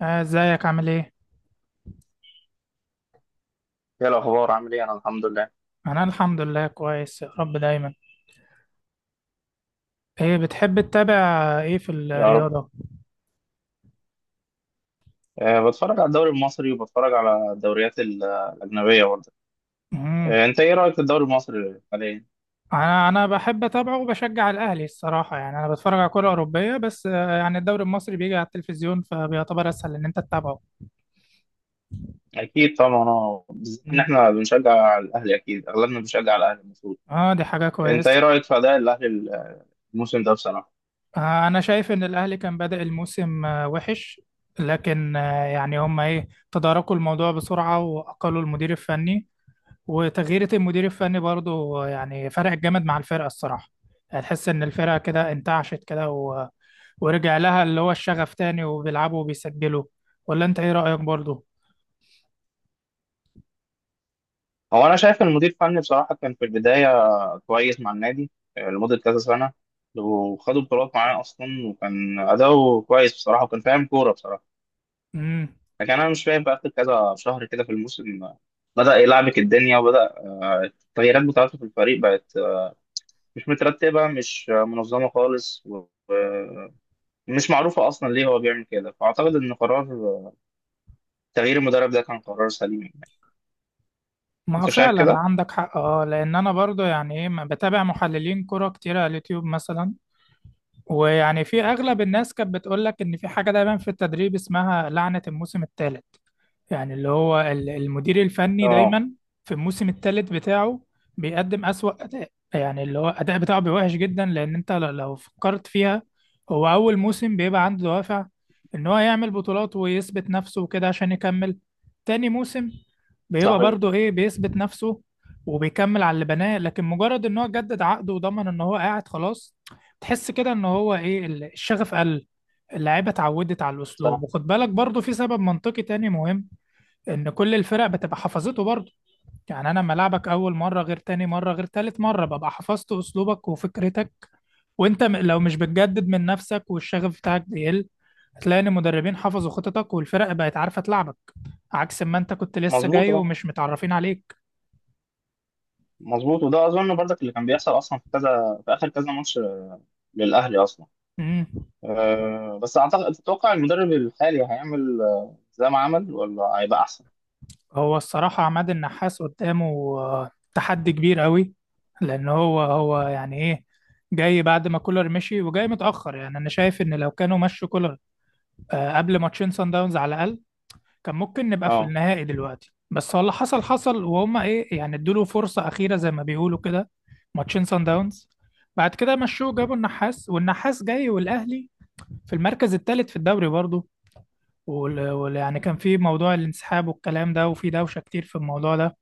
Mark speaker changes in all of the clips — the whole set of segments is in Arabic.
Speaker 1: ازيك عامل ايه؟
Speaker 2: ايه الاخبار؟ عامل ايه؟ انا الحمد لله.
Speaker 1: انا الحمد لله كويس يا رب دايما. ايه بتحب تتابع ايه في
Speaker 2: يا رب.
Speaker 1: الرياضة؟
Speaker 2: بتفرج على الدوري المصري، وبتفرج على الدوريات الاجنبيه برضه.
Speaker 1: مم.
Speaker 2: انت ايه رايك في الدوري المصري حاليا؟
Speaker 1: انا بحب اتابعه وبشجع الاهلي الصراحة، يعني انا بتفرج على كرة اوروبية بس يعني الدوري المصري بيجي على التلفزيون فبيعتبر اسهل ان انت تتابعه.
Speaker 2: اكيد طبعا، اه، بالذات ان
Speaker 1: مم.
Speaker 2: احنا بنشجع الاهلي. اكيد اغلبنا بنشجع الاهلي المفروض.
Speaker 1: اه، دي حاجة
Speaker 2: انت
Speaker 1: كويسة.
Speaker 2: ايه رايك في اداء الاهلي الموسم ده بصراحه؟
Speaker 1: انا شايف ان الاهلي كان بادئ الموسم وحش، لكن يعني هم ايه تداركوا الموضوع بسرعة واقلوا المدير الفني. وتغييرة المدير الفني برضو يعني فرقت جامد مع الفرقة الصراحة. هتحس إن الفرقة كده انتعشت كده ورجع لها اللي هو الشغف تاني، وبيلعبوا وبيسجلوا. ولا أنت إيه رأيك برضو؟
Speaker 2: هو انا شايف إن المدير الفني بصراحه كان في البدايه كويس مع النادي، لمده كذا سنه، وخدوا بطولات معاه اصلا، وكان اداؤه كويس بصراحه، وكان فاهم كوره بصراحه.
Speaker 1: مم.
Speaker 2: لكن انا مش فاهم بقى في كذا شهر كده في الموسم، بدأ يلعبك الدنيا، وبدأ آه، التغييرات بتاعته في الفريق بقت مش مترتبة، مش منظمة خالص، ومش معروفة أصلا ليه هو بيعمل كده. فأعتقد إن قرار آه، تغيير المدرب ده كان قرار سليم يعني.
Speaker 1: ما هو
Speaker 2: أنت شايف
Speaker 1: فعلا
Speaker 2: كده؟
Speaker 1: عندك حق، اه، لأن أنا برضو يعني إيه، ما بتابع محللين كرة كتير على اليوتيوب مثلا. ويعني في أغلب الناس كانت بتقولك إن في حاجة دايما في التدريب اسمها لعنة الموسم الثالث، يعني اللي هو المدير الفني
Speaker 2: اه،
Speaker 1: دايما في الموسم الثالث بتاعه بيقدم أسوأ أداء. يعني اللي هو الأداء بتاعه بيبقى وحش جدا، لأن أنت لو فكرت فيها، هو أول موسم بيبقى عنده دوافع إن هو يعمل بطولات ويثبت نفسه وكده عشان يكمل. تاني موسم بيبقى
Speaker 2: صحيح.
Speaker 1: برضه إيه بيثبت نفسه وبيكمل على اللي بناه، لكن مجرد إن هو جدد عقده وضمن إن هو قاعد خلاص، تحس كده إن هو إيه الشغف قل. اللعيبة اتعودت على الأسلوب،
Speaker 2: صح.
Speaker 1: وخد بالك برضه في سبب منطقي تاني مهم، ان كل الفرق بتبقى حفظته برضه. يعني انا لما العبك اول مره غير تاني مره غير تالت مره ببقى حفظت اسلوبك وفكرتك، وانت لو مش بتجدد من نفسك والشغف بتاعك بيقل، هتلاقي ان المدربين حفظوا خططك والفرق بقت عارفه تلعبك، عكس ما انت كنت لسه
Speaker 2: مظبوط،
Speaker 1: جاي
Speaker 2: اه،
Speaker 1: ومش متعرفين عليك.
Speaker 2: مظبوط. وده أظن برضك اللي كان بيحصل أصلا في كذا، في آخر كذا ماتش للأهلي أصلا.
Speaker 1: امم.
Speaker 2: أه، بس أعتقد، تتوقع المدرب الحالي هيعمل زي ما عمل، ولا هيبقى أحسن؟
Speaker 1: هو الصراحه عماد النحاس قدامه تحدي كبير قوي، لان هو يعني ايه جاي بعد ما كولر مشي، وجاي متاخر. يعني انا شايف ان لو كانوا مشوا كولر قبل ماتشين سان داونز على الاقل، كان ممكن نبقى في
Speaker 2: اه.
Speaker 1: النهائي دلوقتي. بس هو اللي حصل حصل، وهم ايه يعني ادوله فرصة أخيرة زي ما بيقولوا كده. ماتشين سان داونز بعد كده مشوه، جابوا النحاس، والنحاس جاي والأهلي في المركز الثالث في الدوري برضه. يعني كان في موضوع الانسحاب والكلام ده، وفي دوشة كتير في الموضوع ده،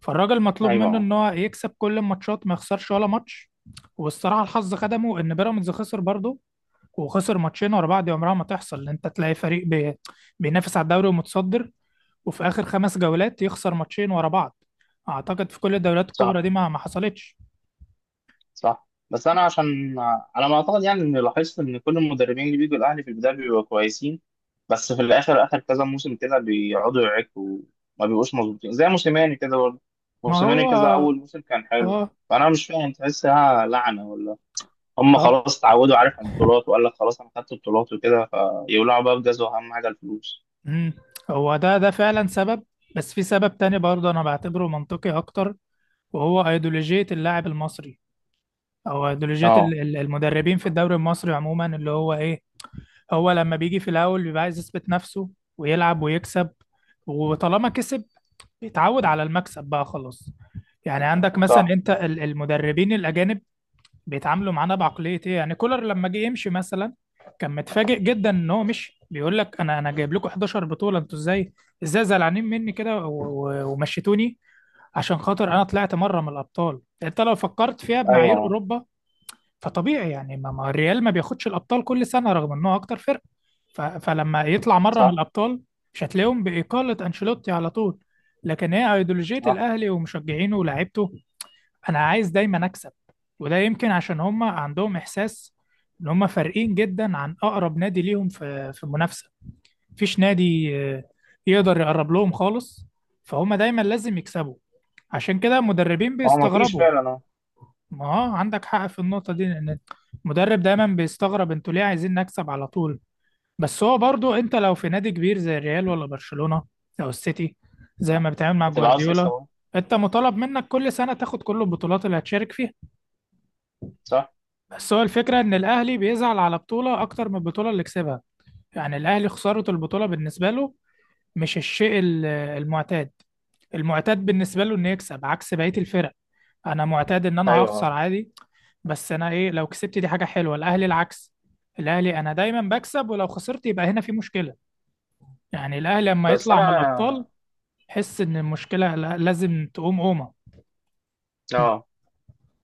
Speaker 1: فالراجل مطلوب منه
Speaker 2: ايوه.
Speaker 1: ان هو يكسب كل الماتشات، ما يخسرش ولا ماتش. والصراحة الحظ خدمه ان بيراميدز خسر برضه، وخسر ماتشين ورا بعض. دي عمرها ما تحصل ان انت تلاقي فريق بينافس على الدوري ومتصدر، وفي آخر 5 جولات يخسر ماتشين ورا بعض. أعتقد في كل الدوريات الكبرى
Speaker 2: صح.
Speaker 1: دي ما حصلتش.
Speaker 2: صح. بس انا عشان، على ما اعتقد، يعني اني لاحظت ان كل المدربين اللي بيجوا الاهلي في البدايه بيبقوا كويسين، بس في الاخر، اخر كذا موسم كده، بيقعدوا يعكوا وما بيبقوش مظبوطين. زي موسيماني كده برضه،
Speaker 1: ما هو
Speaker 2: موسيماني كذا
Speaker 1: اه.
Speaker 2: اول موسم كان حلو.
Speaker 1: اه.
Speaker 2: فانا مش فاهم، تحسها لعنه ولا هم
Speaker 1: آه،
Speaker 2: خلاص اتعودوا، عارف، على البطولات، وقال لك خلاص انا خدت البطولات وكده، فيولعوا بقى بجاز، واهم حاجه الفلوس.
Speaker 1: مم. هو ده فعلا سبب، بس في سبب تاني برضه أنا بعتبره منطقي أكتر، وهو أيديولوجية اللاعب المصري، أو أيديولوجية
Speaker 2: اه.
Speaker 1: المدربين في الدوري المصري عموما، اللي هو إيه هو لما بيجي في الأول بيبقى عايز يثبت نفسه ويلعب ويكسب، وطالما كسب بيتعود على المكسب بقى خلاص. يعني عندك مثلا
Speaker 2: صح.
Speaker 1: أنت المدربين الأجانب بيتعاملوا معانا بعقليه ايه؟ يعني كولر لما جه يمشي مثلا كان متفاجئ جدا ان هو مشي. بيقول لك انا جايب لكم 11 بطوله، انتوا ازاي زعلانين مني كده ومشيتوني عشان خاطر انا طلعت مره من الابطال؟ انت لو فكرت فيها بمعايير
Speaker 2: ايوه.
Speaker 1: اوروبا فطبيعي، يعني ما الريال ما بياخدش الابطال كل سنه رغم ان هو اكتر فرقه، فلما يطلع مره من
Speaker 2: صح.
Speaker 1: الابطال مش هتلاقيهم باقاله انشيلوتي على طول. لكن هي ايديولوجيه
Speaker 2: صح.
Speaker 1: الاهلي ومشجعينه ولاعيبته، انا عايز دايما اكسب. وده يمكن عشان هم عندهم احساس ان هم فارقين جدا عن اقرب نادي ليهم في المنافسه، مفيش نادي يقدر يقرب لهم خالص، فهم دايما لازم يكسبوا، عشان كده المدربين
Speaker 2: هو ما فيش
Speaker 1: بيستغربوا.
Speaker 2: فعلا، اه.
Speaker 1: ما اه، عندك حق في النقطه دي، لان المدرب دايما بيستغرب انتوا ليه عايزين نكسب على طول؟ بس هو برضو انت لو في نادي كبير زي الريال ولا برشلونه او السيتي، زي ما بتعمل مع
Speaker 2: هتبقى عاوز تكسب
Speaker 1: جوارديولا،
Speaker 2: أهو.
Speaker 1: انت مطالب منك كل سنه تاخد كل البطولات اللي هتشارك فيها.
Speaker 2: صح.
Speaker 1: بس هو الفكرة إن الأهلي بيزعل على بطولة أكتر من البطولة اللي كسبها. يعني الأهلي خسارة البطولة بالنسبة له مش الشيء المعتاد. المعتاد بالنسبة له إنه يكسب، عكس بقية الفرق، أنا معتاد إن أنا هخسر
Speaker 2: ايوه.
Speaker 1: عادي، بس أنا إيه لو كسبت دي حاجة حلوة. الأهلي العكس، الأهلي أنا دايما بكسب، ولو خسرت يبقى هنا في مشكلة. يعني الأهلي لما
Speaker 2: بس
Speaker 1: يطلع من الأبطال
Speaker 2: انا،
Speaker 1: حس إن المشكلة لازم تقوم قومة.
Speaker 2: اه،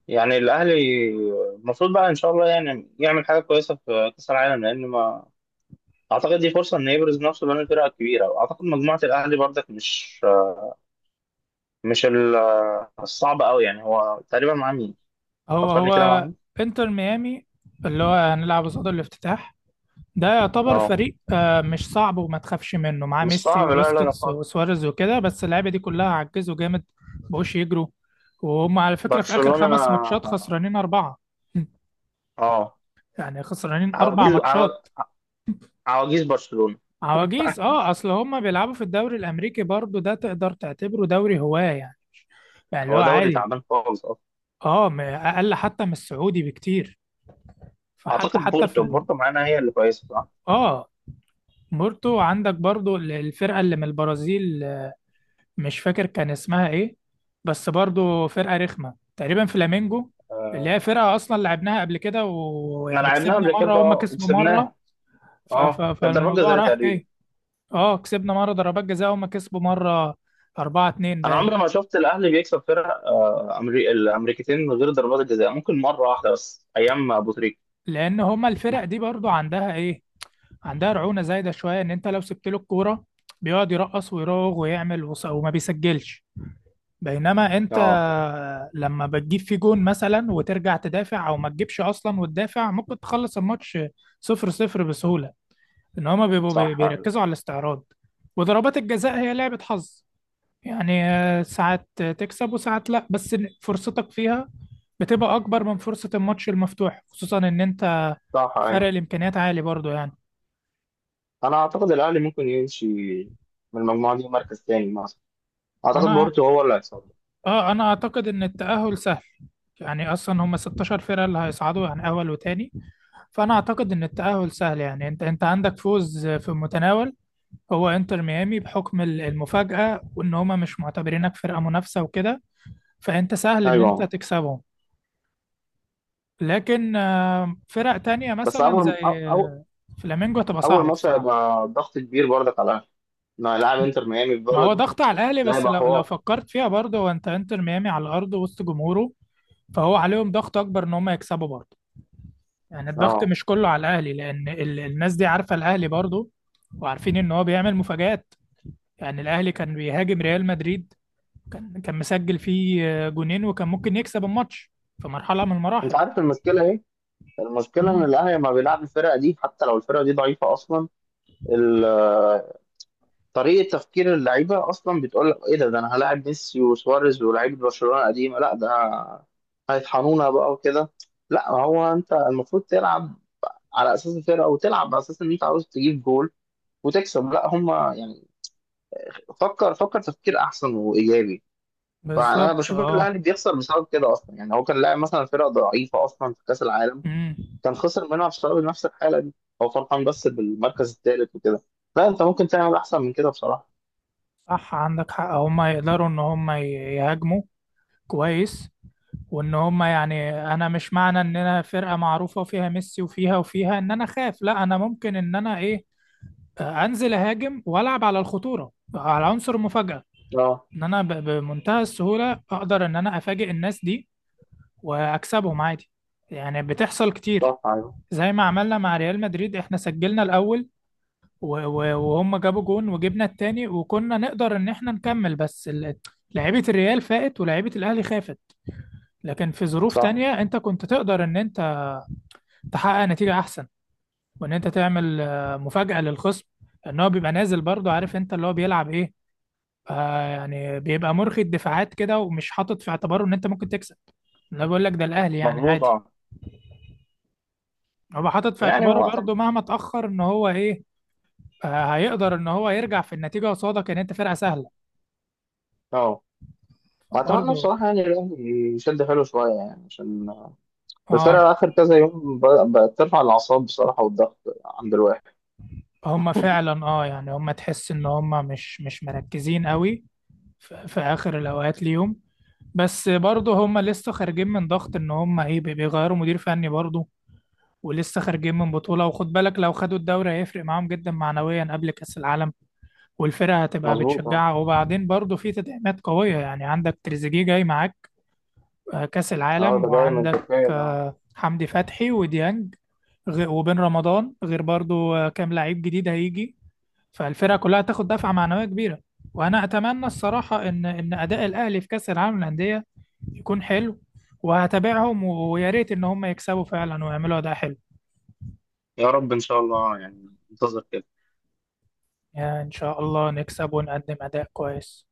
Speaker 2: يعني الاهلي المفروض بقى ان شاء الله يعني يعمل حاجه كويسه في كاس العالم، لان ما اعتقد دي فرصه ان يبرز نفسه بين الفرق الكبيره. واعتقد مجموعه الاهلي برضك مش، مش ال- الصعبه قوي. يعني هو تقريبا مع مين؟
Speaker 1: هو
Speaker 2: فكرني كده، مع
Speaker 1: هو
Speaker 2: مين؟
Speaker 1: انتر ميامي اللي هو هنلعب قصاد الافتتاح، ده يعتبر
Speaker 2: اه.
Speaker 1: فريق مش صعب وما تخافش منه، معاه
Speaker 2: مش
Speaker 1: ميسي
Speaker 2: صعب، لا لا لا
Speaker 1: وبوسكيتس
Speaker 2: خالص.
Speaker 1: وسواريز وكده، بس اللعيبه دي كلها عجزوا جامد، مبقوش يجروا. وهم على فكره في اخر
Speaker 2: برشلونه.
Speaker 1: 5 ماتشات خسرانين 4.
Speaker 2: اه.
Speaker 1: يعني خسرانين اربع
Speaker 2: عواجيز عوا-
Speaker 1: ماتشات
Speaker 2: عواجيز برشلونه.
Speaker 1: عواجيز، اه، اصل هم بيلعبوا في الدوري الامريكي برضو، ده تقدر تعتبره دوري هواه يعني، يعني اللي هو
Speaker 2: هو دوري
Speaker 1: عادي.
Speaker 2: تعبان خالص اصلا.
Speaker 1: اه، اقل حتى من السعودي بكتير، فحتى
Speaker 2: اعتقد
Speaker 1: في
Speaker 2: بورتو، بورتو معانا، هي اللي كويسه، صح؟
Speaker 1: اه، مورتو عندك برضو الفرقه اللي من البرازيل، مش فاكر كان اسمها ايه، بس برضو فرقة رخمة تقريبا، فلامينجو، اللي هي فرقة اصلا لعبناها قبل كده،
Speaker 2: احنا
Speaker 1: ويعني
Speaker 2: لعبناها
Speaker 1: كسبنا
Speaker 2: قبل
Speaker 1: مرة
Speaker 2: كده
Speaker 1: وهم كسبوا مرة.
Speaker 2: وكسبناها. اه، كانت ضربات
Speaker 1: فالموضوع
Speaker 2: جزاء
Speaker 1: رايح
Speaker 2: تقريبا.
Speaker 1: جاي. اه، كسبنا مرة ضربات جزاء وهم كسبوا مرة. 4-2
Speaker 2: انا عمري
Speaker 1: باين.
Speaker 2: ما شفت الاهلي بيكسب فرق الامريكتين من غير ضربات الجزاء، ممكن مره واحده بس ايام ابو تريكه.
Speaker 1: لأن هما الفرق دي برضو عندها ايه، عندها رعونة زايدة شوية، ان انت لو سبت له الكورة بيقعد يرقص ويراوغ ويعمل وما بيسجلش، بينما انت
Speaker 2: اه.
Speaker 1: لما بتجيب في جون مثلا وترجع تدافع، او ما تجيبش اصلا وتدافع، ممكن تخلص الماتش صفر صفر بسهولة، ان هما بيبقوا
Speaker 2: صح. ايوه.
Speaker 1: بيركزوا على الاستعراض. وضربات الجزاء هي لعبة حظ، يعني ساعات تكسب وساعات لا، بس فرصتك فيها بتبقى اكبر من فرصة الماتش المفتوح، خصوصا ان انت
Speaker 2: صح.
Speaker 1: فرق
Speaker 2: ايوه،
Speaker 1: الامكانيات عالي برضو يعني.
Speaker 2: انا اعتقد الاهلي ممكن يمشي من المجموعه دي مركز تاني مثلا. اعتقد
Speaker 1: انا
Speaker 2: بورتو هو اللي هيصعد.
Speaker 1: اه انا اعتقد ان التأهل سهل. يعني اصلا هما 16 فرقة اللي هيصعدوا، يعني اول وتاني، فانا اعتقد ان التأهل سهل. يعني انت عندك فوز في المتناول، هو انتر ميامي بحكم المفاجأة وان هما مش معتبرينك فرقة منافسة وكده، فانت سهل ان انت
Speaker 2: ايوه.
Speaker 1: تكسبهم. لكن فرق تانية
Speaker 2: بس
Speaker 1: مثلا
Speaker 2: اول أو...
Speaker 1: زي
Speaker 2: أو...
Speaker 1: فلامينجو هتبقى
Speaker 2: اول
Speaker 1: صعبة
Speaker 2: ماتش
Speaker 1: الصراحة.
Speaker 2: هيبقى ضغط كبير برضك على الاهلي، انه هيلاعب انتر ميامي في
Speaker 1: ما هو
Speaker 2: بلده.
Speaker 1: ضغط على الاهلي،
Speaker 2: ده
Speaker 1: بس
Speaker 2: هيبقى
Speaker 1: لو
Speaker 2: حوار.
Speaker 1: فكرت فيها برضه، هو انت انتر ميامي على الارض وسط جمهوره، فهو عليهم ضغط اكبر ان هما يكسبوا برضه. يعني الضغط
Speaker 2: اه.
Speaker 1: مش كله على الاهلي، لان الناس دي عارفة الاهلي برضه، وعارفين ان هو بيعمل مفاجآت. يعني الاهلي كان بيهاجم ريال مدريد، كان مسجل فيه جونين، وكان ممكن يكسب الماتش في مرحله من
Speaker 2: انت
Speaker 1: المراحل.
Speaker 2: عارف المشكله ايه؟ المشكله ان
Speaker 1: امم.
Speaker 2: الاهلي لما بيلعب الفرقه دي، حتى لو الفرقه دي ضعيفه اصلا، ال- طريقه تفكير اللعيبه اصلا بتقول لك ايه، ده انا هلاعب ميسي وسواريز ولاعيبه برشلونه قديمه، لا ده هيطحنونا بقى وكده. لا، هو انت المفروض تلعب على اساس الفرقه، وتلعب على اساس ان انت عاوز تجيب جول وتكسب. لا هم يعني، فكر تفكير احسن وايجابي. فانا
Speaker 1: بالظبط
Speaker 2: بشوف
Speaker 1: اه.
Speaker 2: الاهلي بيخسر بسبب كده اصلا. يعني هو كان لاعب مثلا فرقه ضعيفه اصلا في كاس العالم،
Speaker 1: امم.
Speaker 2: كان خسر منها بسبب نفس الحاله دي. هو فرحان بس بالمركز الثالث وكده. لا، انت ممكن تعمل احسن من كده بصراحه.
Speaker 1: صح عندك حق، هم يقدروا ان هم يهاجموا كويس، وان هم، يعني انا مش معنى ان انا فرقه معروفه وفيها ميسي وفيها ان انا اخاف، لا، انا ممكن ان انا ايه انزل اهاجم والعب على الخطوره، على عنصر المفاجاه،
Speaker 2: اه.
Speaker 1: ان انا بمنتهى السهوله اقدر ان انا افاجئ الناس دي واكسبهم عادي، يعني بتحصل كتير.
Speaker 2: صح. ايوه.
Speaker 1: زي ما عملنا مع ريال مدريد، احنا سجلنا الاول وهم جابوا جون وجبنا التاني، وكنا نقدر ان احنا نكمل، بس لعيبة الريال فاقت ولعيبة الاهلي خافت. لكن في ظروف
Speaker 2: صح.
Speaker 1: تانية انت كنت تقدر ان انت تحقق نتيجة احسن، وان انت تعمل مفاجأة للخصم، ان هو بيبقى نازل برضه عارف انت اللي هو بيلعب ايه. يعني بيبقى مرخي الدفاعات كده، ومش حاطط في اعتباره ان انت ممكن تكسب. انا بقول لك ده الاهلي يعني
Speaker 2: مظبوط،
Speaker 1: عادي،
Speaker 2: اه.
Speaker 1: هو حاطط في
Speaker 2: يعني
Speaker 1: اعتباره
Speaker 2: هو أتم-
Speaker 1: برضه مهما اتأخر ان هو ايه هيقدر ان هو يرجع في النتيجة، قصادك ان انت فرقة سهلة
Speaker 2: اه، واتمنى
Speaker 1: برضه.
Speaker 2: بصراحه يعني الاهلي يشد حلو شويه، يعني عشان
Speaker 1: اه،
Speaker 2: الفرقه اخر كذا يوم بقت ترفع الاعصاب بصراحه، والضغط عند الواحد.
Speaker 1: هم فعلا، اه، يعني هم تحس ان هم مش مركزين قوي في اخر الاوقات ليهم، بس برضه هم لسه خارجين من ضغط ان هم ايه بيغيروا مدير فني برضه، ولسه خارجين من بطولة، وخد بالك لو خدوا الدوري هيفرق معاهم جدا معنويا قبل كأس العالم، والفرقة هتبقى
Speaker 2: مظبوط، اه.
Speaker 1: بتشجعها، وبعدين برضه في تدعيمات قوية، يعني عندك تريزيجيه جاي معاك كأس
Speaker 2: اه،
Speaker 1: العالم،
Speaker 2: ده جاي من
Speaker 1: وعندك
Speaker 2: تركيا ده.
Speaker 1: حمدي فتحي وديانج، وبن رمضان، غير برضو كام لعيب جديد هيجي، فالفرقة كلها هتاخد دفعة معنوية كبيرة. وأنا أتمنى الصراحة إن أداء الأهلي في كأس العالم للأندية يكون حلو، وهتابعهم ويا ريت إن هم يكسبوا فعلا ويعملوا أداء حلو.
Speaker 2: يا رب ان شاء الله. يعني انتظر.
Speaker 1: يعني إن شاء الله نكسب ونقدم أداء كويس.